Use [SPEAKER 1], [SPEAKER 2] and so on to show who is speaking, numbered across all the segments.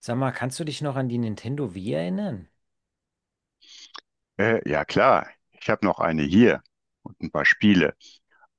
[SPEAKER 1] Sag mal, kannst du dich noch an die Nintendo Wii erinnern?
[SPEAKER 2] Ja klar, ich habe noch eine hier und ein paar Spiele,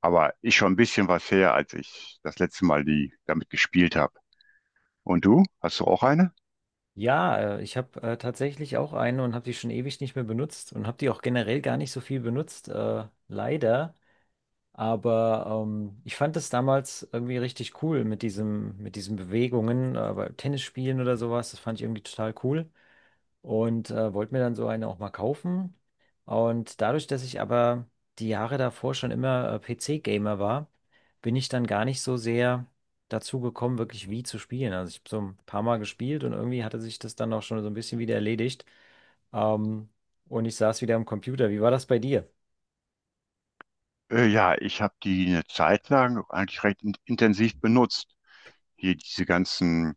[SPEAKER 2] aber ist schon ein bisschen was her, als ich das letzte Mal die damit gespielt habe. Und du, hast du auch eine?
[SPEAKER 1] Ja, ich habe tatsächlich auch eine und habe die schon ewig nicht mehr benutzt und habe die auch generell gar nicht so viel benutzt, leider. Aber ich fand das damals irgendwie richtig cool mit diesen Bewegungen, bei Tennisspielen oder sowas. Das fand ich irgendwie total cool und wollte mir dann so eine auch mal kaufen. Und dadurch, dass ich aber die Jahre davor schon immer PC-Gamer war, bin ich dann gar nicht so sehr dazu gekommen, wirklich Wii zu spielen. Also ich habe so ein paar Mal gespielt und irgendwie hatte sich das dann auch schon so ein bisschen wieder erledigt. Ähm, und ich saß wieder am Computer. Wie war das bei dir?
[SPEAKER 2] Ja, ich habe die eine Zeit lang eigentlich recht in intensiv benutzt. Hier diese ganzen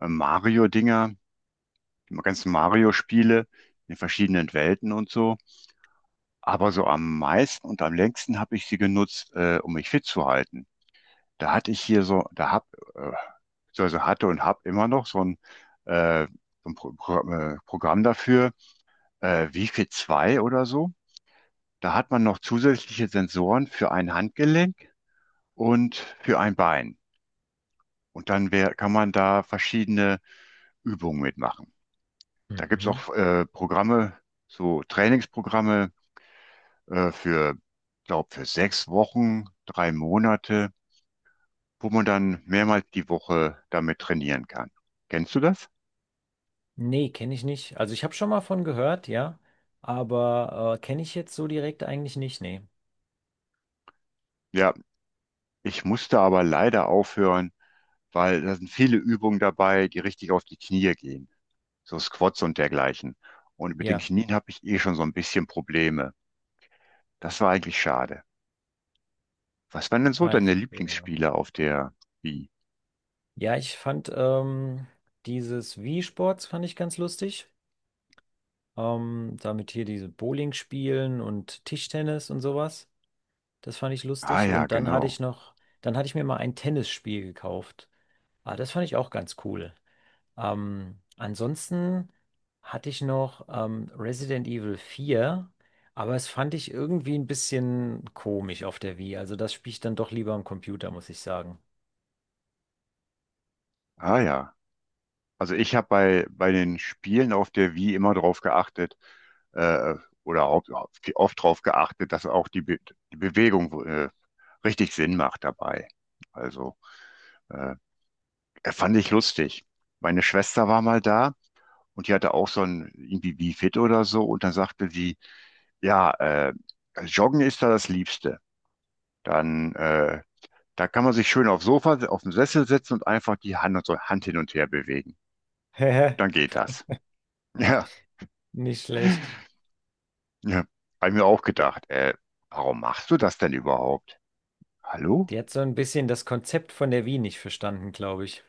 [SPEAKER 2] Mario-Dinger, die ganzen Mario-Spiele in verschiedenen Welten und so. Aber so am meisten und am längsten habe ich sie genutzt, um mich fit zu halten. Da hatte ich hier so, äh, beziehungsweise hatte und habe immer noch äh, so ein Programm dafür, Wi-Fi 2 oder so. Da hat man noch zusätzliche Sensoren für ein Handgelenk und für ein Bein. Und dann kann man da verschiedene Übungen mitmachen. Da gibt's
[SPEAKER 1] Mhm.
[SPEAKER 2] auch Programme, so Trainingsprogramme für, glaube für sechs Wochen, drei Monate, wo man dann mehrmals die Woche damit trainieren kann. Kennst du das?
[SPEAKER 1] Nee, kenne ich nicht. Also ich habe schon mal von gehört, ja, aber kenne ich jetzt so direkt eigentlich nicht, nee.
[SPEAKER 2] Ja, ich musste aber leider aufhören, weil da sind viele Übungen dabei, die richtig auf die Knie gehen. So Squats und dergleichen. Und mit den
[SPEAKER 1] Ja,
[SPEAKER 2] Knien habe ich eh schon so ein bisschen Probleme. Das war eigentlich schade. Was waren denn so
[SPEAKER 1] ah, ich
[SPEAKER 2] deine
[SPEAKER 1] verstehe. Ja,
[SPEAKER 2] Lieblingsspiele auf der Wii?
[SPEAKER 1] ja, ich fand dieses Wii-Sports fand ich ganz lustig. Damit hier diese Bowling spielen und Tischtennis und sowas. Das fand ich
[SPEAKER 2] Ah
[SPEAKER 1] lustig.
[SPEAKER 2] ja, genau.
[SPEAKER 1] Dann hatte ich mir mal ein Tennisspiel gekauft. Ah, das fand ich auch ganz cool. Ansonsten hatte ich noch Resident Evil vier, aber es fand ich irgendwie ein bisschen komisch auf der Wii. Also das spiele ich dann doch lieber am Computer, muss ich sagen.
[SPEAKER 2] Ah ja. Also ich habe bei den Spielen auf der Wii immer drauf geachtet, äh, oder oft drauf geachtet, dass auch die Bewegung richtig Sinn macht dabei. Also äh, er fand ich lustig. Meine Schwester war mal da und die hatte auch so ein irgendwie Bi-Fit oder so und dann sagte sie, ja, Joggen ist da das Liebste. Dann, äh, Da kann man sich schön aufs Sofa, auf dem Sessel setzen und einfach die Hand und so Hand hin und her bewegen. Dann geht das. Ja,
[SPEAKER 1] Nicht schlecht.
[SPEAKER 2] ja. Hab ich mir auch
[SPEAKER 1] Die
[SPEAKER 2] gedacht, warum machst du das denn überhaupt? Hallo?
[SPEAKER 1] die hat so ein bisschen das Konzept von der Wii nicht verstanden, glaube ich.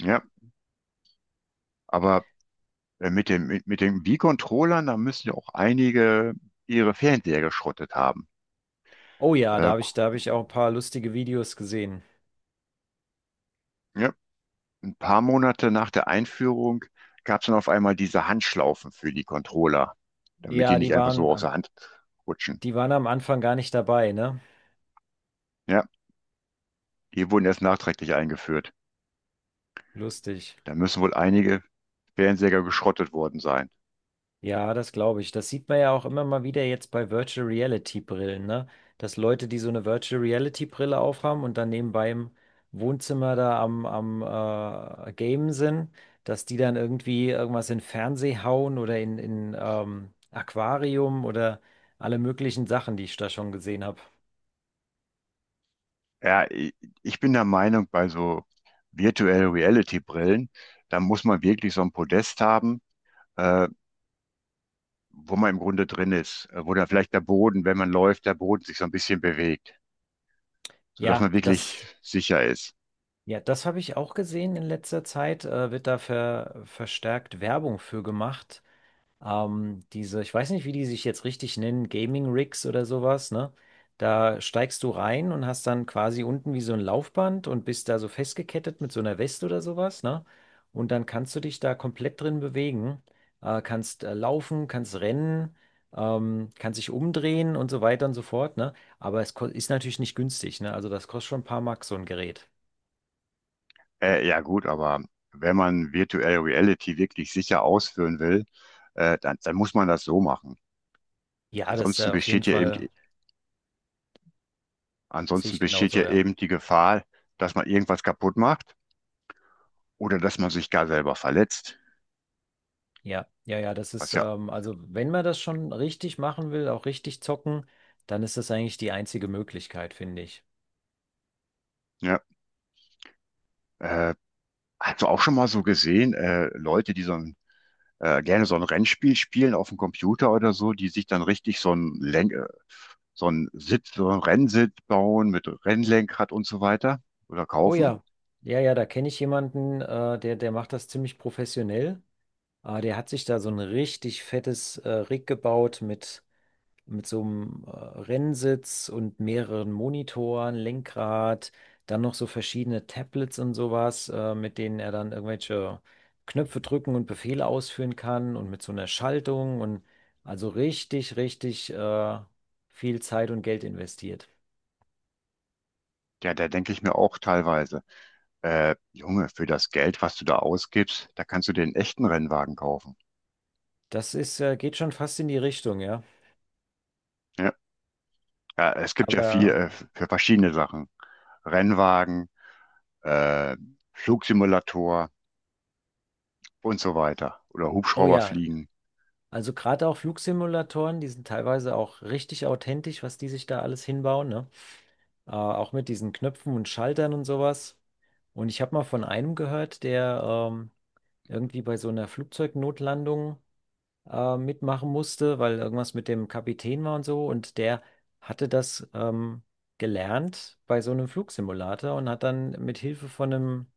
[SPEAKER 2] Ja, aber mit den Wii-Controllern, da müssen ja auch einige ihre Fernseher geschrottet haben.
[SPEAKER 1] Oh ja,
[SPEAKER 2] Äh,
[SPEAKER 1] da habe ich auch ein paar lustige Videos gesehen.
[SPEAKER 2] ja. Paar Monate nach der Einführung gab es dann auf einmal diese Handschlaufen für die Controller, damit die
[SPEAKER 1] Ja,
[SPEAKER 2] nicht einfach so aus der Hand rutschen.
[SPEAKER 1] die waren am Anfang gar nicht dabei, ne?
[SPEAKER 2] Ja, die wurden erst nachträglich eingeführt.
[SPEAKER 1] Lustig.
[SPEAKER 2] Da müssen wohl einige Fernseher geschrottet worden sein.
[SPEAKER 1] Ja, das glaube ich. Das sieht man ja auch immer mal wieder jetzt bei Virtual Reality Brillen, ne? Dass Leute, die so eine Virtual Reality Brille aufhaben und dann nebenbei im Wohnzimmer am Gamen sind, dass die dann irgendwie irgendwas in Fernseh hauen oder in Aquarium oder alle möglichen Sachen, die ich da schon gesehen habe.
[SPEAKER 2] Ja, ich bin der Meinung, bei so Virtual Reality Brillen, da muss man wirklich so ein Podest haben, äh, wo man im Grunde drin ist, wo da vielleicht der Boden, wenn man läuft, der Boden sich so ein bisschen bewegt, sodass
[SPEAKER 1] Ja,
[SPEAKER 2] man wirklich
[SPEAKER 1] das,
[SPEAKER 2] sicher ist.
[SPEAKER 1] ja, das habe ich auch gesehen in letzter Zeit. Wird da verstärkt Werbung für gemacht. Diese, ich weiß nicht, wie die sich jetzt richtig nennen, Gaming Rigs oder sowas, ne? Da steigst du rein und hast dann quasi unten wie so ein Laufband und bist da so festgekettet mit so einer Weste oder sowas, ne? Und dann kannst du dich da komplett drin bewegen, kannst laufen, kannst rennen, kannst dich umdrehen und so weiter und so fort, ne? Aber ist natürlich nicht günstig, ne? Also das kostet schon ein paar Mark, so ein Gerät.
[SPEAKER 2] Ja gut, aber wenn man Virtual Reality wirklich sicher ausführen will, dann muss man das so machen.
[SPEAKER 1] Ja, das
[SPEAKER 2] Ansonsten
[SPEAKER 1] auf jeden
[SPEAKER 2] besteht ja
[SPEAKER 1] Fall sehe ich genauso, ja.
[SPEAKER 2] eben die Gefahr, dass man irgendwas kaputt macht oder dass man sich gar selber verletzt.
[SPEAKER 1] Ja, ja, ja,
[SPEAKER 2] Was ja,
[SPEAKER 1] also wenn man das schon richtig machen will, auch richtig zocken, dann ist das eigentlich die einzige Möglichkeit, finde ich.
[SPEAKER 2] ja, äh, hast du auch schon mal so gesehen, Leute, die so ein, gerne so ein Rennspiel spielen auf dem Computer oder so, die sich dann richtig so ein Lenk, so ein Sitz, so ein Rennsitz bauen mit Rennlenkrad und so weiter oder
[SPEAKER 1] Oh
[SPEAKER 2] kaufen?
[SPEAKER 1] ja, ja, ja, da kenne ich jemanden, der macht das ziemlich professionell. Der hat sich da so ein richtig fettes, Rig gebaut mit so einem Rennsitz und mehreren Monitoren, Lenkrad, dann noch so verschiedene Tablets und sowas, mit denen er dann irgendwelche Knöpfe drücken und Befehle ausführen kann und mit so einer Schaltung und also richtig, richtig viel Zeit und Geld investiert.
[SPEAKER 2] Ja, da denke ich mir auch teilweise. Junge, für das Geld, was du da ausgibst, da kannst du dir einen echten Rennwagen kaufen.
[SPEAKER 1] Das ist, geht schon fast in die Richtung, ja.
[SPEAKER 2] Ja, ja, es gibt ja viel
[SPEAKER 1] Aber,
[SPEAKER 2] für verschiedene Sachen. Rennwagen, äh, Flugsimulator und so weiter. Oder
[SPEAKER 1] oh
[SPEAKER 2] Hubschrauber
[SPEAKER 1] ja,
[SPEAKER 2] fliegen.
[SPEAKER 1] also gerade auch Flugsimulatoren, die sind teilweise auch richtig authentisch, was die sich da alles hinbauen, ne? Äh, auch mit diesen Knöpfen und Schaltern und sowas. Und ich habe mal von einem gehört, der ähm, irgendwie bei so einer Flugzeugnotlandung mitmachen musste, weil irgendwas mit dem Kapitän war und so. Und der hatte das gelernt bei so einem Flugsimulator und hat dann mit Hilfe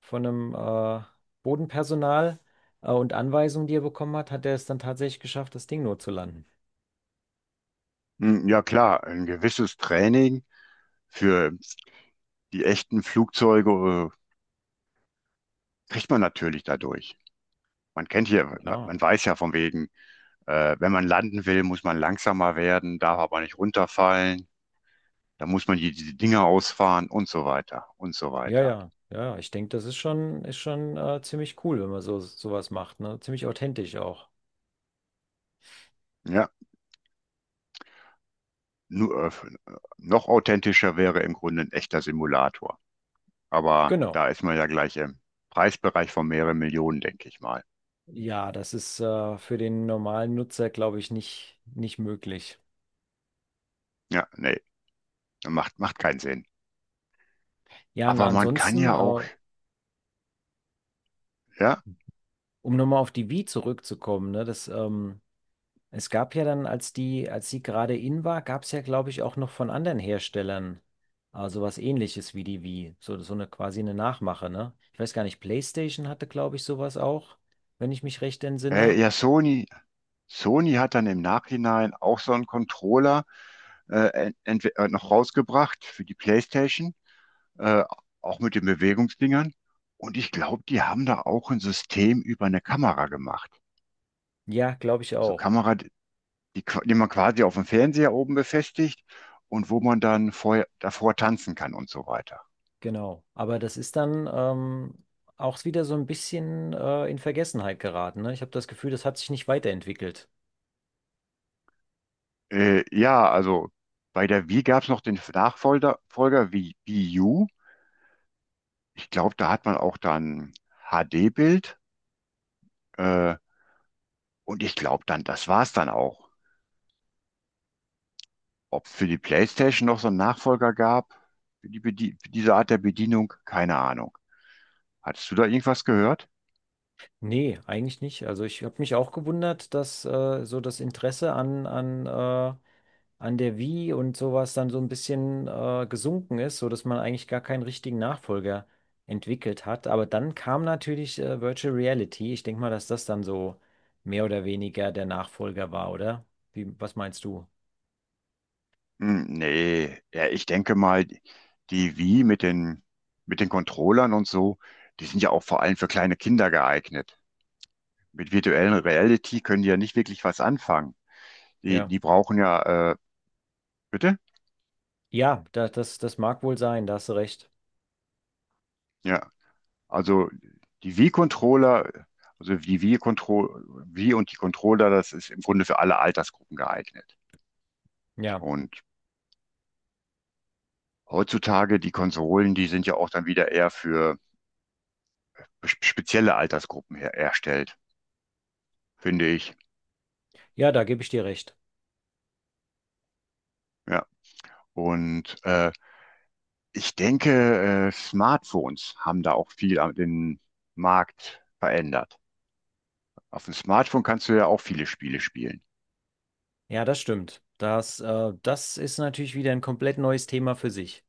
[SPEAKER 1] von einem Bodenpersonal und Anweisungen, die er bekommen hat, hat er es dann tatsächlich geschafft, das Ding notzulanden.
[SPEAKER 2] Hm, ja klar, ein gewisses Training für die echten Flugzeuge kriegt man natürlich dadurch. Man kennt hier,
[SPEAKER 1] Ja,
[SPEAKER 2] man weiß ja von wegen, wenn man landen will, muss man langsamer werden, darf aber nicht runterfallen, da muss man die Dinger ausfahren und so weiter und so
[SPEAKER 1] ja,
[SPEAKER 2] weiter.
[SPEAKER 1] ja, ja, ich denke, ist schon ziemlich cool, wenn man so sowas macht, ne? Ziemlich authentisch auch.
[SPEAKER 2] Ja, nur, äh, äh, noch authentischer wäre im Grunde ein echter Simulator. Aber
[SPEAKER 1] Genau.
[SPEAKER 2] da ist man ja gleich im Preisbereich von mehreren Millionen, denke ich mal.
[SPEAKER 1] Ja, das ist für den normalen Nutzer, glaube ich, nicht möglich.
[SPEAKER 2] Ja, nee, macht keinen Sinn.
[SPEAKER 1] Ja, und
[SPEAKER 2] Aber man kann
[SPEAKER 1] ansonsten,
[SPEAKER 2] ja auch, ja,
[SPEAKER 1] um nochmal auf die Wii zurückzukommen, ne, es gab ja dann, als die gerade in war, gab es ja, glaube ich, auch noch von anderen Herstellern sowas Ähnliches wie die Wii. So eine quasi eine Nachmache, ne? Ich weiß gar nicht, PlayStation hatte, glaube ich, sowas auch, wenn ich mich recht entsinne.
[SPEAKER 2] ja, Sony hat dann im Nachhinein auch so einen Controller noch rausgebracht für die PlayStation, äh, auch mit den Bewegungsdingern. Und ich glaube, die haben da auch ein System über eine Kamera gemacht.
[SPEAKER 1] Ja, glaube ich
[SPEAKER 2] Also
[SPEAKER 1] auch.
[SPEAKER 2] Kamera die man quasi auf dem Fernseher oben befestigt und wo man davor tanzen kann und so weiter.
[SPEAKER 1] Genau. Aber das ist dann auch wieder so ein bisschen in Vergessenheit geraten. Ne? Ich habe das Gefühl, das hat sich nicht weiterentwickelt.
[SPEAKER 2] Ja, also bei der Wii gab es noch den Nachfolger Folger wie Wii U. Ich glaube, da hat man auch dann HD-Bild. Äh, und ich glaube dann, das war's dann auch. Ob es für die PlayStation noch so einen Nachfolger gab, für für diese Art der Bedienung, keine Ahnung. Hattest du da irgendwas gehört?
[SPEAKER 1] Nee, eigentlich nicht. Also ich habe mich auch gewundert, dass so das Interesse an der Wii und sowas dann so ein bisschen gesunken ist, sodass man eigentlich gar keinen richtigen Nachfolger entwickelt hat. Aber dann kam natürlich Virtual Reality. Ich denke mal, dass das dann so mehr oder weniger der Nachfolger war, oder? Wie, was meinst du?
[SPEAKER 2] Hm, nee, ja, ich denke mal, die Wii mit mit den Controllern und so, die sind ja auch vor allem für kleine Kinder geeignet. Mit virtuellen Reality können die ja nicht wirklich was anfangen.
[SPEAKER 1] Ja.
[SPEAKER 2] Die brauchen ja, bitte?
[SPEAKER 1] Ja, das mag wohl sein, da hast du recht.
[SPEAKER 2] Ja, also die Wii-Controller, also Wii und die Controller, das ist im Grunde für alle Altersgruppen geeignet.
[SPEAKER 1] Ja,
[SPEAKER 2] Und heutzutage, die Konsolen, die sind ja auch dann wieder eher für spezielle Altersgruppen her erstellt, finde ich.
[SPEAKER 1] ja, da gebe ich dir recht.
[SPEAKER 2] Ja, und ich denke, Smartphones haben da auch viel den Markt verändert. Auf dem Smartphone kannst du ja auch viele Spiele spielen.
[SPEAKER 1] Ja, das stimmt. Das, das ist natürlich wieder ein komplett neues Thema für sich.